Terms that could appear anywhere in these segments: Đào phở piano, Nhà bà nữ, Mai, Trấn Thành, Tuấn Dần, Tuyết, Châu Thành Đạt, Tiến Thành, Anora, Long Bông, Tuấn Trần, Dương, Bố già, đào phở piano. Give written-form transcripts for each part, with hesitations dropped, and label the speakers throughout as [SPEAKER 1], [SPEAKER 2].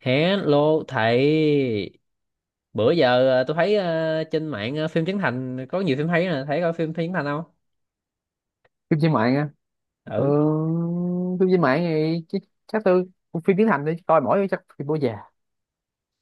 [SPEAKER 1] Hello thầy. Bữa giờ tôi thấy trên mạng phim Trấn Thành có nhiều phim hay nè, thấy coi phim Trấn Thành không?
[SPEAKER 2] Phim trên mạng á? Ừ,
[SPEAKER 1] Ừ,
[SPEAKER 2] phim trên mạng thì chắc tôi phim tiếng Thành đi coi mỗi chắc phim bố già.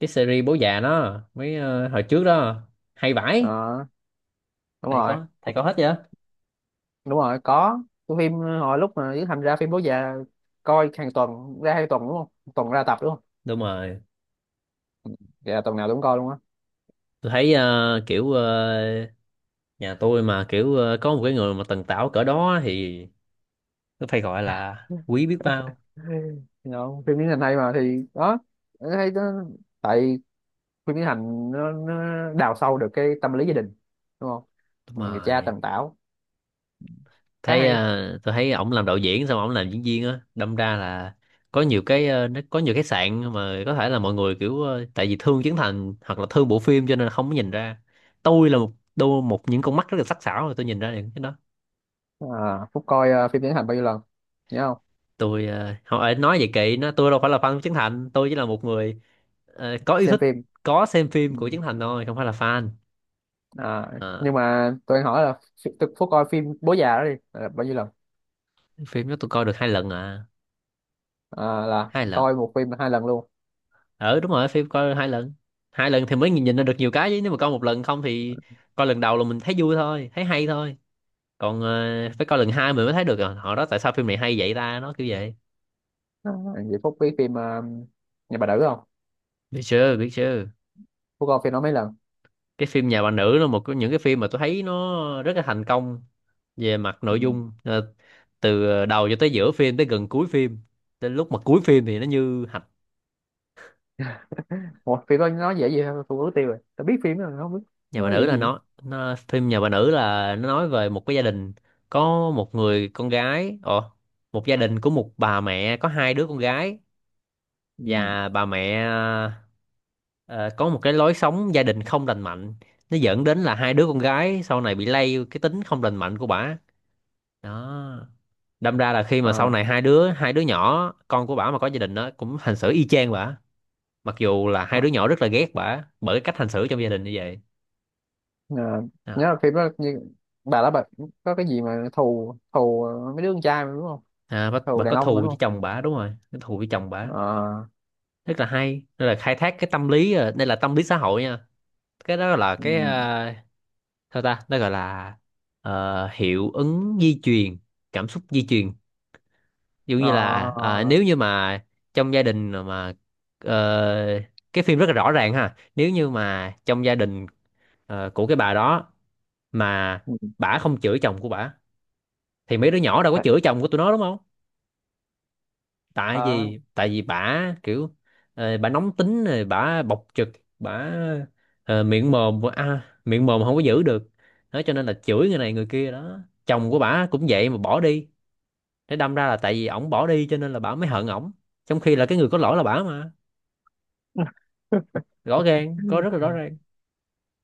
[SPEAKER 1] cái series Bố Già nó mấy hồi trước đó hay vãi.
[SPEAKER 2] Ờ, Đúng
[SPEAKER 1] thầy
[SPEAKER 2] rồi.
[SPEAKER 1] có thầy có hết chưa?
[SPEAKER 2] Đúng rồi, có. Cái phim hồi lúc mà Tiến Thành ra phim bố già coi hàng tuần ra 2 tuần đúng không? Một tuần ra tập đúng không?
[SPEAKER 1] Đúng rồi.
[SPEAKER 2] Dạ tuần nào tôi cũng coi luôn á.
[SPEAKER 1] Tôi thấy kiểu nhà tôi mà kiểu có một cái người mà tần tảo cỡ đó thì tôi phải gọi là quý biết bao.
[SPEAKER 2] Đâu, phim Tiến Thành hay mà thì đó, hay đó. Tại phim Tiến Thành nó đào sâu được cái tâm lý gia đình đúng không?
[SPEAKER 1] Đúng
[SPEAKER 2] Người cha
[SPEAKER 1] rồi.
[SPEAKER 2] tần tảo khá
[SPEAKER 1] Thấy
[SPEAKER 2] hay.
[SPEAKER 1] tôi thấy ổng làm đạo diễn xong ổng làm diễn viên á, đâm ra là có nhiều cái nó có nhiều cái sạn mà có thể là mọi người kiểu tại vì thương Trấn Thành hoặc là thương bộ phim cho nên là không có nhìn ra. Tôi là một đôi một những con mắt rất là sắc sảo rồi, tôi nhìn ra được cái đó.
[SPEAKER 2] À, Phúc coi phim Tiến hành bao nhiêu lần nhớ không?
[SPEAKER 1] Tôi không phải nói vậy kỵ nó, tôi đâu phải là fan của Trấn Thành, tôi chỉ là một người có yêu
[SPEAKER 2] Xem
[SPEAKER 1] thích,
[SPEAKER 2] phim.
[SPEAKER 1] có xem
[SPEAKER 2] Ừ.
[SPEAKER 1] phim của Trấn Thành thôi, không phải là fan.
[SPEAKER 2] À,
[SPEAKER 1] Ờ.
[SPEAKER 2] nhưng mà tôi hỏi là tôi Phúc coi phim Bố già đó đi là bao nhiêu lần?
[SPEAKER 1] Phim đó tôi coi được hai lần à.
[SPEAKER 2] À, là
[SPEAKER 1] Hai lần.
[SPEAKER 2] coi một phim 2 lần luôn.
[SPEAKER 1] Ừ, đúng rồi, phim coi hai lần. Hai lần thì mới nhìn ra được nhiều cái, chứ nếu mà coi một lần không thì coi lần đầu là mình thấy vui thôi, thấy hay thôi. Còn phải coi lần hai mình mới thấy được, à, họ đó, tại sao phim này hay vậy ta, nó kiểu vậy.
[SPEAKER 2] À, vậy Phúc biết phim Nhà bà đỡ không?
[SPEAKER 1] Biết chưa, biết chưa.
[SPEAKER 2] Phúc coi phim đó mấy lần?
[SPEAKER 1] Cái phim Nhà Bà Nữ là một trong những cái phim mà tôi thấy nó rất là thành công về mặt
[SPEAKER 2] Ừ.
[SPEAKER 1] nội dung. Ờ, từ đầu cho tới giữa phim, tới gần cuối phim, tới lúc mà cuối phim thì nó như hạch.
[SPEAKER 2] Ủa, phim đó nói dễ gì thôi Phúc ước tiêu rồi tôi biết phim đó rồi, không biết.
[SPEAKER 1] Nhà bà
[SPEAKER 2] Nói
[SPEAKER 1] nữ
[SPEAKER 2] dễ
[SPEAKER 1] là
[SPEAKER 2] gì.
[SPEAKER 1] nó Phim Nhà Bà Nữ là nó nói về một cái gia đình có một người con gái, ồ, một gia đình của một bà mẹ có hai đứa con gái.
[SPEAKER 2] Ừ.
[SPEAKER 1] Và bà mẹ ờ, có một cái lối sống gia đình không lành mạnh, nó dẫn đến là hai đứa con gái sau này bị lây cái tính không lành mạnh của bà, đó. Đâm ra là khi mà sau
[SPEAKER 2] À.
[SPEAKER 1] này hai đứa nhỏ con của bà mà có gia đình đó cũng hành xử y chang bà, mặc dù là hai
[SPEAKER 2] À.
[SPEAKER 1] đứa nhỏ rất là ghét bà bởi cái cách hành xử trong gia đình như vậy.
[SPEAKER 2] À, nhớ là phim đó như bà đó bà có cái gì mà thù thù mấy đứa con trai mà đúng không?
[SPEAKER 1] À, bà
[SPEAKER 2] Thù đàn
[SPEAKER 1] có
[SPEAKER 2] ông
[SPEAKER 1] thù
[SPEAKER 2] mà đúng
[SPEAKER 1] với
[SPEAKER 2] không?
[SPEAKER 1] chồng bà, đúng rồi, có thù với chồng bà.
[SPEAKER 2] À.
[SPEAKER 1] Rất là hay, đây là khai thác cái tâm lý, đây là tâm lý xã hội nha. Cái đó là
[SPEAKER 2] Ừ.
[SPEAKER 1] cái sao ta nó gọi là hiệu ứng di truyền, cảm xúc di truyền. Ví dụ như là
[SPEAKER 2] À.
[SPEAKER 1] nếu như mà trong gia đình mà ờ, cái phim rất là rõ ràng ha, nếu như mà trong gia đình của cái bà đó mà
[SPEAKER 2] Ừ.
[SPEAKER 1] bả không chửi chồng của bả thì mấy đứa nhỏ đâu có chửi chồng của tụi nó, đúng không? tại
[SPEAKER 2] Ờ.
[SPEAKER 1] vì tại vì bả kiểu bả nóng tính rồi bả bộc trực, bả miệng mồm, miệng mồm không có giữ được, đó cho nên là chửi người này người kia đó. Chồng của bả cũng vậy mà bỏ đi, để đâm ra là tại vì ổng bỏ đi cho nên là bả mới hận ổng, trong khi là cái người có lỗi là bả mà. Rõ ràng có, rất là rõ ràng.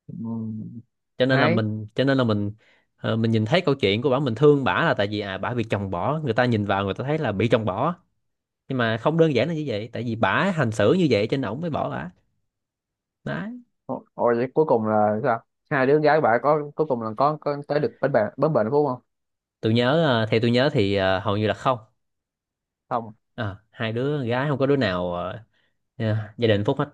[SPEAKER 2] Ừm.
[SPEAKER 1] cho nên là
[SPEAKER 2] Hay.
[SPEAKER 1] mình cho nên là mình mình nhìn thấy câu chuyện của bả, mình thương bả là tại vì à, bả bị chồng bỏ, người ta nhìn vào người ta thấy là bị chồng bỏ, nhưng mà không đơn giản là như vậy, tại vì bả hành xử như vậy cho nên ổng mới bỏ bả. Đó.
[SPEAKER 2] Ồ, ồ, vậy cuối cùng là sao? Hai đứa gái bạn có cuối cùng là có tới được bến bạn bến bệnh phú không?
[SPEAKER 1] Tôi nhớ theo tôi nhớ thì hầu như là không.
[SPEAKER 2] Không.
[SPEAKER 1] À, hai đứa gái không có đứa nào gia đình hạnh phúc hết.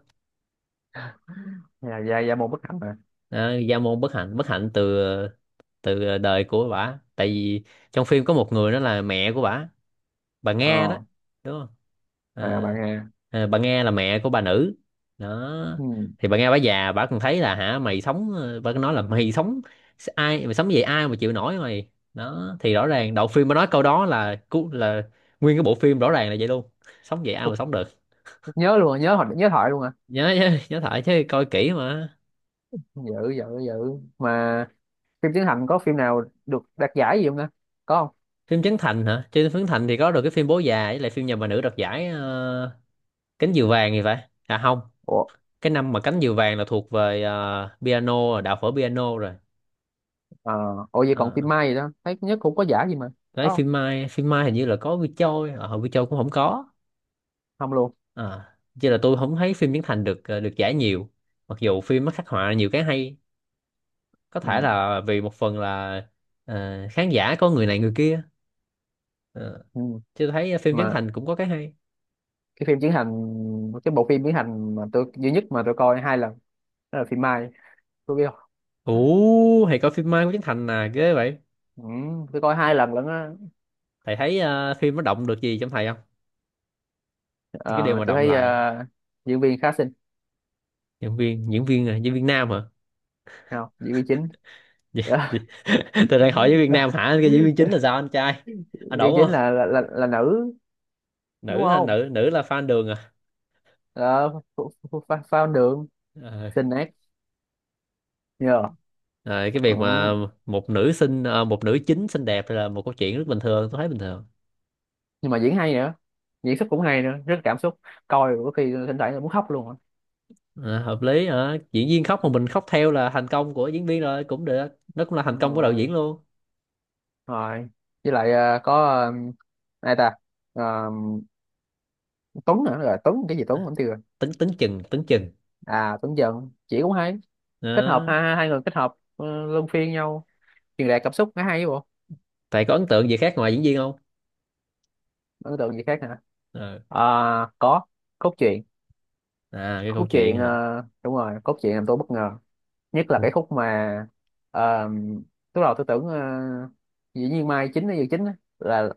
[SPEAKER 2] Dạ dạ dạ một bức ảnh mà.
[SPEAKER 1] À, gia môn bất hạnh, từ từ đời của bả. Tại vì trong phim có một người đó là mẹ của bả, bà Nga đó,
[SPEAKER 2] Ờ.
[SPEAKER 1] đúng không?
[SPEAKER 2] À, bạn
[SPEAKER 1] Ờ.
[SPEAKER 2] nghe.
[SPEAKER 1] Bà Nga là mẹ của bà Nữ đó.
[SPEAKER 2] Ừm.
[SPEAKER 1] Thì bà Nga, bà già bà còn thấy là, hả mày sống bà cứ nói là mày sống ai mày sống vậy, ai mà chịu nổi mày, đó thì rõ ràng đầu phim bà nói câu đó là cú, là nguyên cái bộ phim rõ ràng là vậy luôn. Sống vậy ai mà
[SPEAKER 2] phúc-
[SPEAKER 1] sống được.
[SPEAKER 2] Phúc nhớ luôn, à, nhớ thoại luôn à.
[SPEAKER 1] Nhớ, nhớ thoại chứ, coi kỹ mà.
[SPEAKER 2] Dữ dữ dữ. Mà phim Trấn Thành có phim nào được đạt giải gì không ta? Có không?
[SPEAKER 1] Phim Trấn Thành hả? Trên Trấn Thành thì có được cái phim Bố Già với lại phim Nhà Bà Nữ đoạt giải cánh diều vàng thì phải, à không.
[SPEAKER 2] Ủa.
[SPEAKER 1] Cái năm mà cánh diều vàng là thuộc về piano rồi, Đạo Phở Piano rồi.
[SPEAKER 2] Ờ, ủa vậy còn phim
[SPEAKER 1] Ờ.
[SPEAKER 2] Mai gì đó? Thấy nhất cũng có giải gì mà.
[SPEAKER 1] Đấy,
[SPEAKER 2] Có không?
[SPEAKER 1] phim Mai hình như là có Vi Châu, ở Vi Châu cũng không có
[SPEAKER 2] Không luôn.
[SPEAKER 1] à. Chứ là tôi không thấy phim Trấn Thành được được giải nhiều, mặc dù phim nó khắc họa nhiều cái hay. Có thể
[SPEAKER 2] Ừm.
[SPEAKER 1] là vì một phần là khán giả có người này người kia. Ờ.
[SPEAKER 2] Ừm.
[SPEAKER 1] Chứ tôi thấy phim Trấn
[SPEAKER 2] Mà
[SPEAKER 1] Thành cũng có cái hay.
[SPEAKER 2] cái phim Trấn Thành, cái bộ phim Trấn Thành mà tôi duy nhất mà tôi coi 2 lần đó là phim Mai, tôi biết.
[SPEAKER 1] Ủ, thầy coi phim Mai của Trấn Thành à, ghê vậy.
[SPEAKER 2] Ừ, tôi coi hai lần lận á.
[SPEAKER 1] Thầy thấy phim nó động được gì trong thầy không, những cái điều
[SPEAKER 2] Ờ,
[SPEAKER 1] mà
[SPEAKER 2] tôi
[SPEAKER 1] động
[SPEAKER 2] thấy
[SPEAKER 1] lại.
[SPEAKER 2] diễn viên khá xinh.
[SPEAKER 1] Diễn viên, diễn viên nam hả?
[SPEAKER 2] Không, diễn viên chính.
[SPEAKER 1] Tôi đang hỏi với Việt Nam hả, cái diễn viên chính là sao, anh trai, anh
[SPEAKER 2] Diễn
[SPEAKER 1] đủ
[SPEAKER 2] viên chính
[SPEAKER 1] không?
[SPEAKER 2] là nữ đúng
[SPEAKER 1] Nữ hả?
[SPEAKER 2] không?
[SPEAKER 1] Nữ nữ là fan đường à.
[SPEAKER 2] ờ, phao đường
[SPEAKER 1] Ờ.
[SPEAKER 2] xinh nét nhờ.
[SPEAKER 1] Ờ, cái
[SPEAKER 2] Ừ.
[SPEAKER 1] việc mà một nữ xinh một nữ chính xinh đẹp là một câu chuyện rất bình thường, tôi thấy bình thường.
[SPEAKER 2] Nhưng mà diễn hay nữa, diễn xuất cũng hay nữa, rất cảm xúc. Coi có khi thỉnh thoảng là muốn khóc luôn á.
[SPEAKER 1] Ờ, hợp lý hả, diễn viên khóc mà mình khóc theo là thành công của diễn viên rồi, cũng được, nó cũng là thành
[SPEAKER 2] Đúng
[SPEAKER 1] công của đạo diễn
[SPEAKER 2] rồi.
[SPEAKER 1] luôn.
[SPEAKER 2] Rồi. Với lại có ai ta. Ờ, Tuấn nữa. Rồi Tuấn cái gì, Tuấn vẫn chưa.
[SPEAKER 1] Tính tính chừng tính chừng
[SPEAKER 2] À Tuấn Dần chỉ cũng hay. Kết hợp
[SPEAKER 1] đó,
[SPEAKER 2] ha, 2 người kết hợp luân phiên nhau truyền đạt cảm xúc nó hay bộ.
[SPEAKER 1] thầy có ấn tượng gì khác ngoài diễn viên không?
[SPEAKER 2] Ấn tượng gì khác hả?
[SPEAKER 1] Ờ.
[SPEAKER 2] À, có, cốt truyện.
[SPEAKER 1] À, cái câu
[SPEAKER 2] Cốt truyện
[SPEAKER 1] chuyện hả?
[SPEAKER 2] đúng rồi, cốt truyện làm tôi bất ngờ. Nhất là
[SPEAKER 1] Ừ.
[SPEAKER 2] cái khúc mà ờ, lúc đầu tôi tưởng dĩ nhiên Mai chính hay Dự chính á, là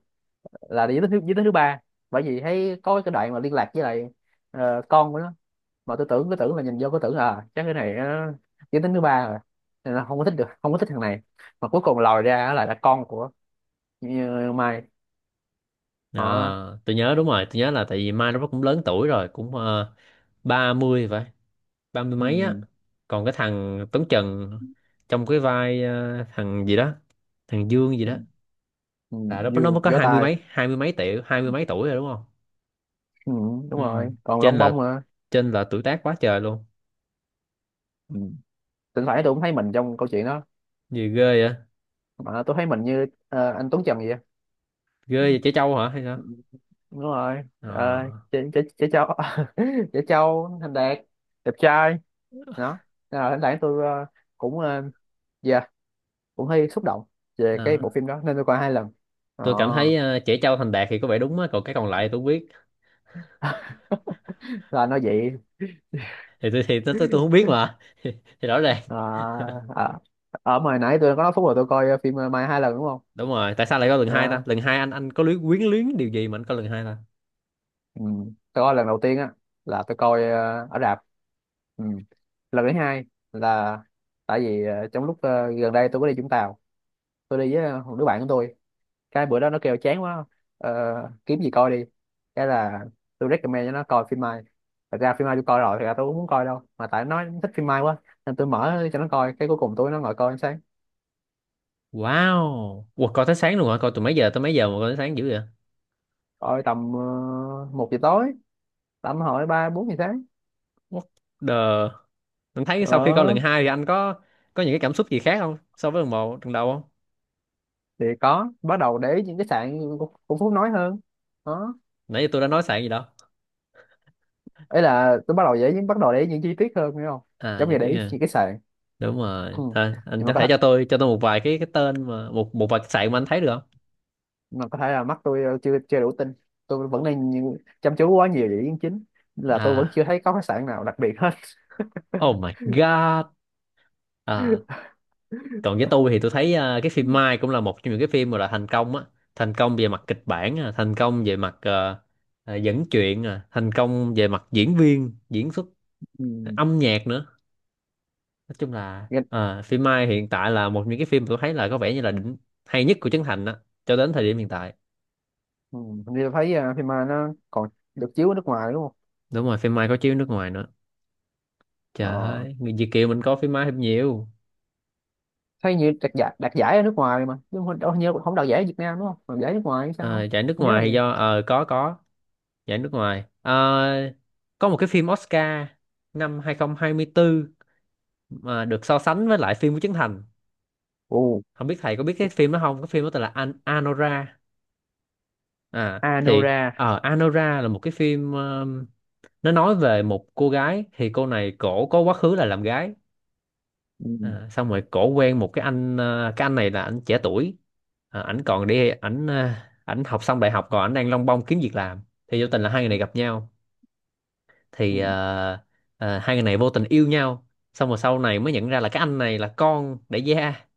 [SPEAKER 2] là giới thứ ba. Bởi vì thấy có cái đoạn mà liên lạc với lại con của nó mà tôi tưởng cứ tưởng là nhìn vô cứ tưởng là à, chắc cái này nó giới tính thứ ba rồi nên là không có thích được, không có thích thằng này mà cuối cùng lòi ra là con của như Mai họ.
[SPEAKER 1] À, tôi nhớ, đúng rồi, tôi nhớ là tại vì Mai nó cũng lớn tuổi rồi, cũng ba mươi vậy, ba mươi
[SPEAKER 2] Ừ.
[SPEAKER 1] mấy á. Còn cái thằng Tuấn Trần trong cái vai thằng gì đó, thằng Dương gì
[SPEAKER 2] Ừ.
[SPEAKER 1] đó,
[SPEAKER 2] Ừ.
[SPEAKER 1] là nó mới
[SPEAKER 2] Dương
[SPEAKER 1] có
[SPEAKER 2] gió
[SPEAKER 1] hai mươi
[SPEAKER 2] tai.
[SPEAKER 1] mấy, tuổi, hai mươi mấy tuổi rồi đúng không?
[SPEAKER 2] Ừ, đúng
[SPEAKER 1] Ừ.
[SPEAKER 2] rồi còn
[SPEAKER 1] trên
[SPEAKER 2] Long Bông
[SPEAKER 1] là
[SPEAKER 2] nữa.
[SPEAKER 1] trên là tuổi tác quá trời luôn.
[SPEAKER 2] Ừ. Thỉnh thoảng tôi cũng thấy mình trong câu chuyện đó
[SPEAKER 1] Gì ghê vậy.
[SPEAKER 2] mà tôi thấy mình như anh Tuấn Trần vậy.
[SPEAKER 1] Ghê vậy, trẻ trâu hả hay sao?
[SPEAKER 2] Ừ, đúng rồi. Ờ,
[SPEAKER 1] Ờ.
[SPEAKER 2] chị Châu. Chị Châu Thành Đạt đẹp trai đó. Nên là thỉnh thoảng tôi cũng dạ cũng hơi xúc động về cái
[SPEAKER 1] Ờ.
[SPEAKER 2] bộ phim đó nên tôi coi 2 lần
[SPEAKER 1] Tôi cảm thấy
[SPEAKER 2] đó.
[SPEAKER 1] trẻ trâu thành đạt thì có vẻ đúng á, còn cái còn lại tôi không biết.
[SPEAKER 2] Là nó vậy.
[SPEAKER 1] Thì tôi không biết mà thì rõ ràng.
[SPEAKER 2] Ờ. Ờ. Ở mà nãy tôi có nói phút rồi tôi coi phim Mai 2 lần đúng không?
[SPEAKER 1] Đúng rồi, tại sao lại có lần hai ta,
[SPEAKER 2] Đó.
[SPEAKER 1] lần hai, anh có luyến, quyến luyến điều gì mà anh có lần hai ta?
[SPEAKER 2] Ừ. Tôi coi lần đầu tiên á là tôi coi ở rạp. Ừ. Lần thứ hai là tại vì trong lúc gần đây tôi có đi Vũng Tàu. Tôi đi với một đứa bạn của tôi. Cái bữa đó nó kêu chán quá, ờ, kiếm gì coi đi. Cái là tôi recommend cho nó coi phim Mai. Thật ra phim Mai tôi coi rồi, thật ra tôi cũng muốn coi đâu mà tại nó thích phim Mai quá nên tôi mở cho nó coi cái cuối cùng tôi nó ngồi coi đến sáng.
[SPEAKER 1] Wow, ủa, coi tới sáng luôn hả? Coi từ mấy giờ tới mấy giờ mà coi tới sáng dữ vậy?
[SPEAKER 2] Coi tầm 1 giờ tối tầm hỏi 3-4 giờ sáng.
[SPEAKER 1] What the... Anh thấy sau khi coi lần
[SPEAKER 2] Ờ,
[SPEAKER 1] 2 thì anh có những cái cảm xúc gì khác không? So với lần một, lần đầu không?
[SPEAKER 2] thì có bắt đầu để ý những cái sạn của Phú nói hơn. Đó.
[SPEAKER 1] Nãy giờ tôi đã nói sạn gì đâu.
[SPEAKER 2] Ấy là tôi bắt đầu để ý những bắt đầu để ý những chi tiết hơn hiểu không?
[SPEAKER 1] À,
[SPEAKER 2] Giống
[SPEAKER 1] chị
[SPEAKER 2] như để
[SPEAKER 1] Tuyết
[SPEAKER 2] ý
[SPEAKER 1] à.
[SPEAKER 2] những cái sạn.
[SPEAKER 1] Đúng rồi.
[SPEAKER 2] Ừ.
[SPEAKER 1] Thôi, anh
[SPEAKER 2] Nhưng
[SPEAKER 1] có thể cho tôi một vài cái tên mà một một vài cái sạn mà anh thấy được không?
[SPEAKER 2] mà có thể là mắt tôi chưa chưa đủ tin. Tôi vẫn đang chăm chú quá nhiều về ý kiến chính. Nên là tôi
[SPEAKER 1] À,
[SPEAKER 2] vẫn chưa thấy có cái sạn nào đặc biệt hết.
[SPEAKER 1] oh my god. À. Còn với tôi thì tôi thấy à, cái phim Mai cũng là một trong những cái phim mà là thành công á, thành công về mặt kịch bản, à, thành công về mặt dẫn chuyện, à, thành công về mặt diễn viên, diễn xuất,
[SPEAKER 2] Ừ.
[SPEAKER 1] âm nhạc nữa. Nói chung là
[SPEAKER 2] nghe-
[SPEAKER 1] à, phim Mai hiện tại là một những cái phim mà tôi thấy là có vẻ như là đỉnh, hay nhất của Trấn Thành đó, cho đến thời điểm hiện tại.
[SPEAKER 2] ừ. Hình như tôi thấy phim mà nó còn được chiếu ở nước ngoài đúng không?
[SPEAKER 1] Đúng rồi, phim Mai có chiếu nước ngoài nữa. Trời
[SPEAKER 2] Ờ.
[SPEAKER 1] ơi, người Việt kiều mình có phim Mai thêm nhiều.
[SPEAKER 2] Thấy như đạt giải, đạt giải ở nước ngoài mà nhưng mà đâu hình như không đạt giải ở Việt Nam đúng không mà đạt giải nước ngoài hay sao?
[SPEAKER 1] À, giải nước
[SPEAKER 2] Không nhớ là
[SPEAKER 1] ngoài thì
[SPEAKER 2] vậy.
[SPEAKER 1] do có giải nước ngoài. Ờ, có một cái phim Oscar năm 2024 mà được so sánh với lại phim của Trấn Thành.
[SPEAKER 2] Ồ.
[SPEAKER 1] Không biết thầy có biết cái phim đó không, cái phim đó tên là An Anora. À thì
[SPEAKER 2] Anora.
[SPEAKER 1] Anora là một cái phim nó nói về một cô gái, thì cô này cổ có quá khứ là làm gái.
[SPEAKER 2] Ừ.
[SPEAKER 1] À, xong rồi cổ quen một cái anh, cái anh này là anh trẻ tuổi. À, ảnh học xong đại học, còn ảnh đang lông bông kiếm việc làm. Thì vô tình là hai người này gặp nhau,
[SPEAKER 2] Ừ.
[SPEAKER 1] thì hai người này vô tình yêu nhau, xong rồi sau này mới nhận ra là cái anh này là con đại gia,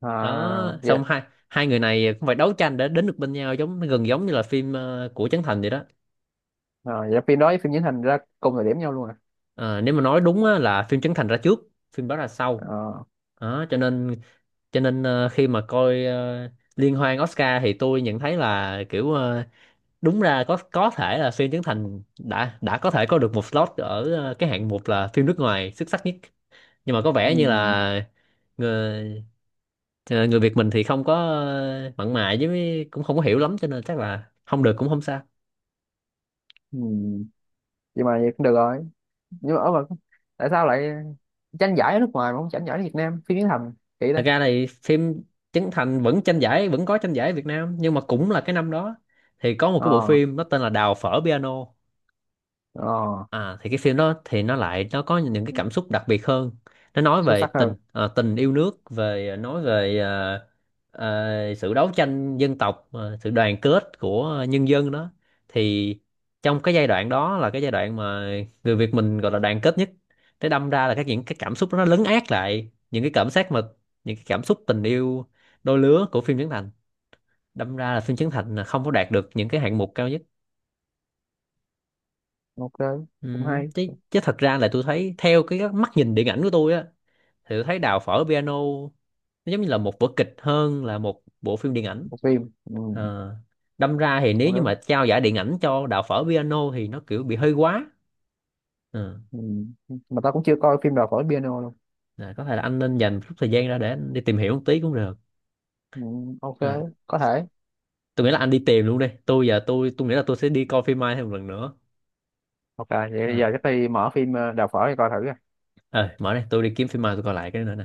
[SPEAKER 2] À.
[SPEAKER 1] đó.
[SPEAKER 2] Dạ.
[SPEAKER 1] Xong hai hai người này cũng phải đấu tranh để đến được bên nhau, giống, gần giống như là phim của Trấn Thành vậy đó.
[SPEAKER 2] À, dạ phim đó với phim diễn thành ra cùng thời điểm nhau luôn à.
[SPEAKER 1] Ờ, nếu mà nói đúng á, là phim Trấn Thành ra trước, phim đó ra sau.
[SPEAKER 2] À.
[SPEAKER 1] Đó cho nên, khi mà coi liên hoan Oscar thì tôi nhận thấy là kiểu đúng ra có thể là phim Trấn Thành đã có thể có được một slot ở cái hạng mục là phim nước ngoài xuất sắc nhất. Nhưng mà có
[SPEAKER 2] Ừ.
[SPEAKER 1] vẻ như là người, người Việt mình thì không có mặn mà với mấy- cũng không có hiểu lắm, cho nên chắc là không được cũng không sao.
[SPEAKER 2] Ừ. Vậy mà vậy cũng được rồi. Nhưng mà ở mà tại sao lại tranh giải ở nước ngoài mà không tranh giải ở Việt Nam phim diễn thành kỹ đó?
[SPEAKER 1] Thật ra thì phim Trấn Thành vẫn tranh giải, vẫn có tranh giải Việt Nam, nhưng mà cũng là cái năm đó thì có một cái bộ
[SPEAKER 2] Ờ.
[SPEAKER 1] phim nó tên là Đào Phở Piano.
[SPEAKER 2] Ờ.
[SPEAKER 1] À, thì cái phim đó thì nó lại nó có những cái cảm xúc đặc biệt hơn. Nó nói
[SPEAKER 2] Xuất
[SPEAKER 1] về
[SPEAKER 2] sắc hơn.
[SPEAKER 1] tình, tình yêu nước, về à, nói về sự đấu tranh dân tộc, sự đoàn kết của nhân dân đó. Thì trong cái giai đoạn đó là cái giai đoạn mà người Việt mình gọi là đoàn kết nhất. Thế đâm ra là các những cái cảm xúc đó nó lấn át lại những cái cảm giác mà những cái cảm xúc tình yêu đôi lứa của phim Trấn Thành, đâm ra là phim Trấn Thành là không có đạt được những cái hạng mục cao nhất.
[SPEAKER 2] OK.
[SPEAKER 1] Ừ.
[SPEAKER 2] Cũng hay.
[SPEAKER 1] chứ, chứ thật ra là tôi thấy theo cái mắt nhìn điện ảnh của tôi á, thì tôi thấy Đào Phở Piano nó giống như là một vở kịch hơn là một bộ phim điện ảnh.
[SPEAKER 2] Một phim. Ừ.
[SPEAKER 1] Ờ, đâm ra thì nếu
[SPEAKER 2] Không
[SPEAKER 1] như mà
[SPEAKER 2] đúng.
[SPEAKER 1] trao giải điện ảnh cho Đào Phở Piano thì nó kiểu bị hơi quá. Ờ,
[SPEAKER 2] Ừ. Mà tao cũng chưa coi phim đào phở piano luôn.
[SPEAKER 1] là có thể là anh nên dành chút thời gian ra để anh đi tìm hiểu một tí cũng được.
[SPEAKER 2] Ừ. OK.
[SPEAKER 1] Ờ,
[SPEAKER 2] Có thể.
[SPEAKER 1] tôi nghĩ là anh đi tìm luôn đi. Tôi giờ tôi nghĩ là tôi sẽ đi coi phim Mai thêm một lần nữa.
[SPEAKER 2] OK, vậy bây
[SPEAKER 1] Ờ,
[SPEAKER 2] giờ chắc đi mở phim đào phở đi coi thử à.
[SPEAKER 1] ờ, mở đây tôi đi kiếm phim Mai tôi coi lại cái nữa nè.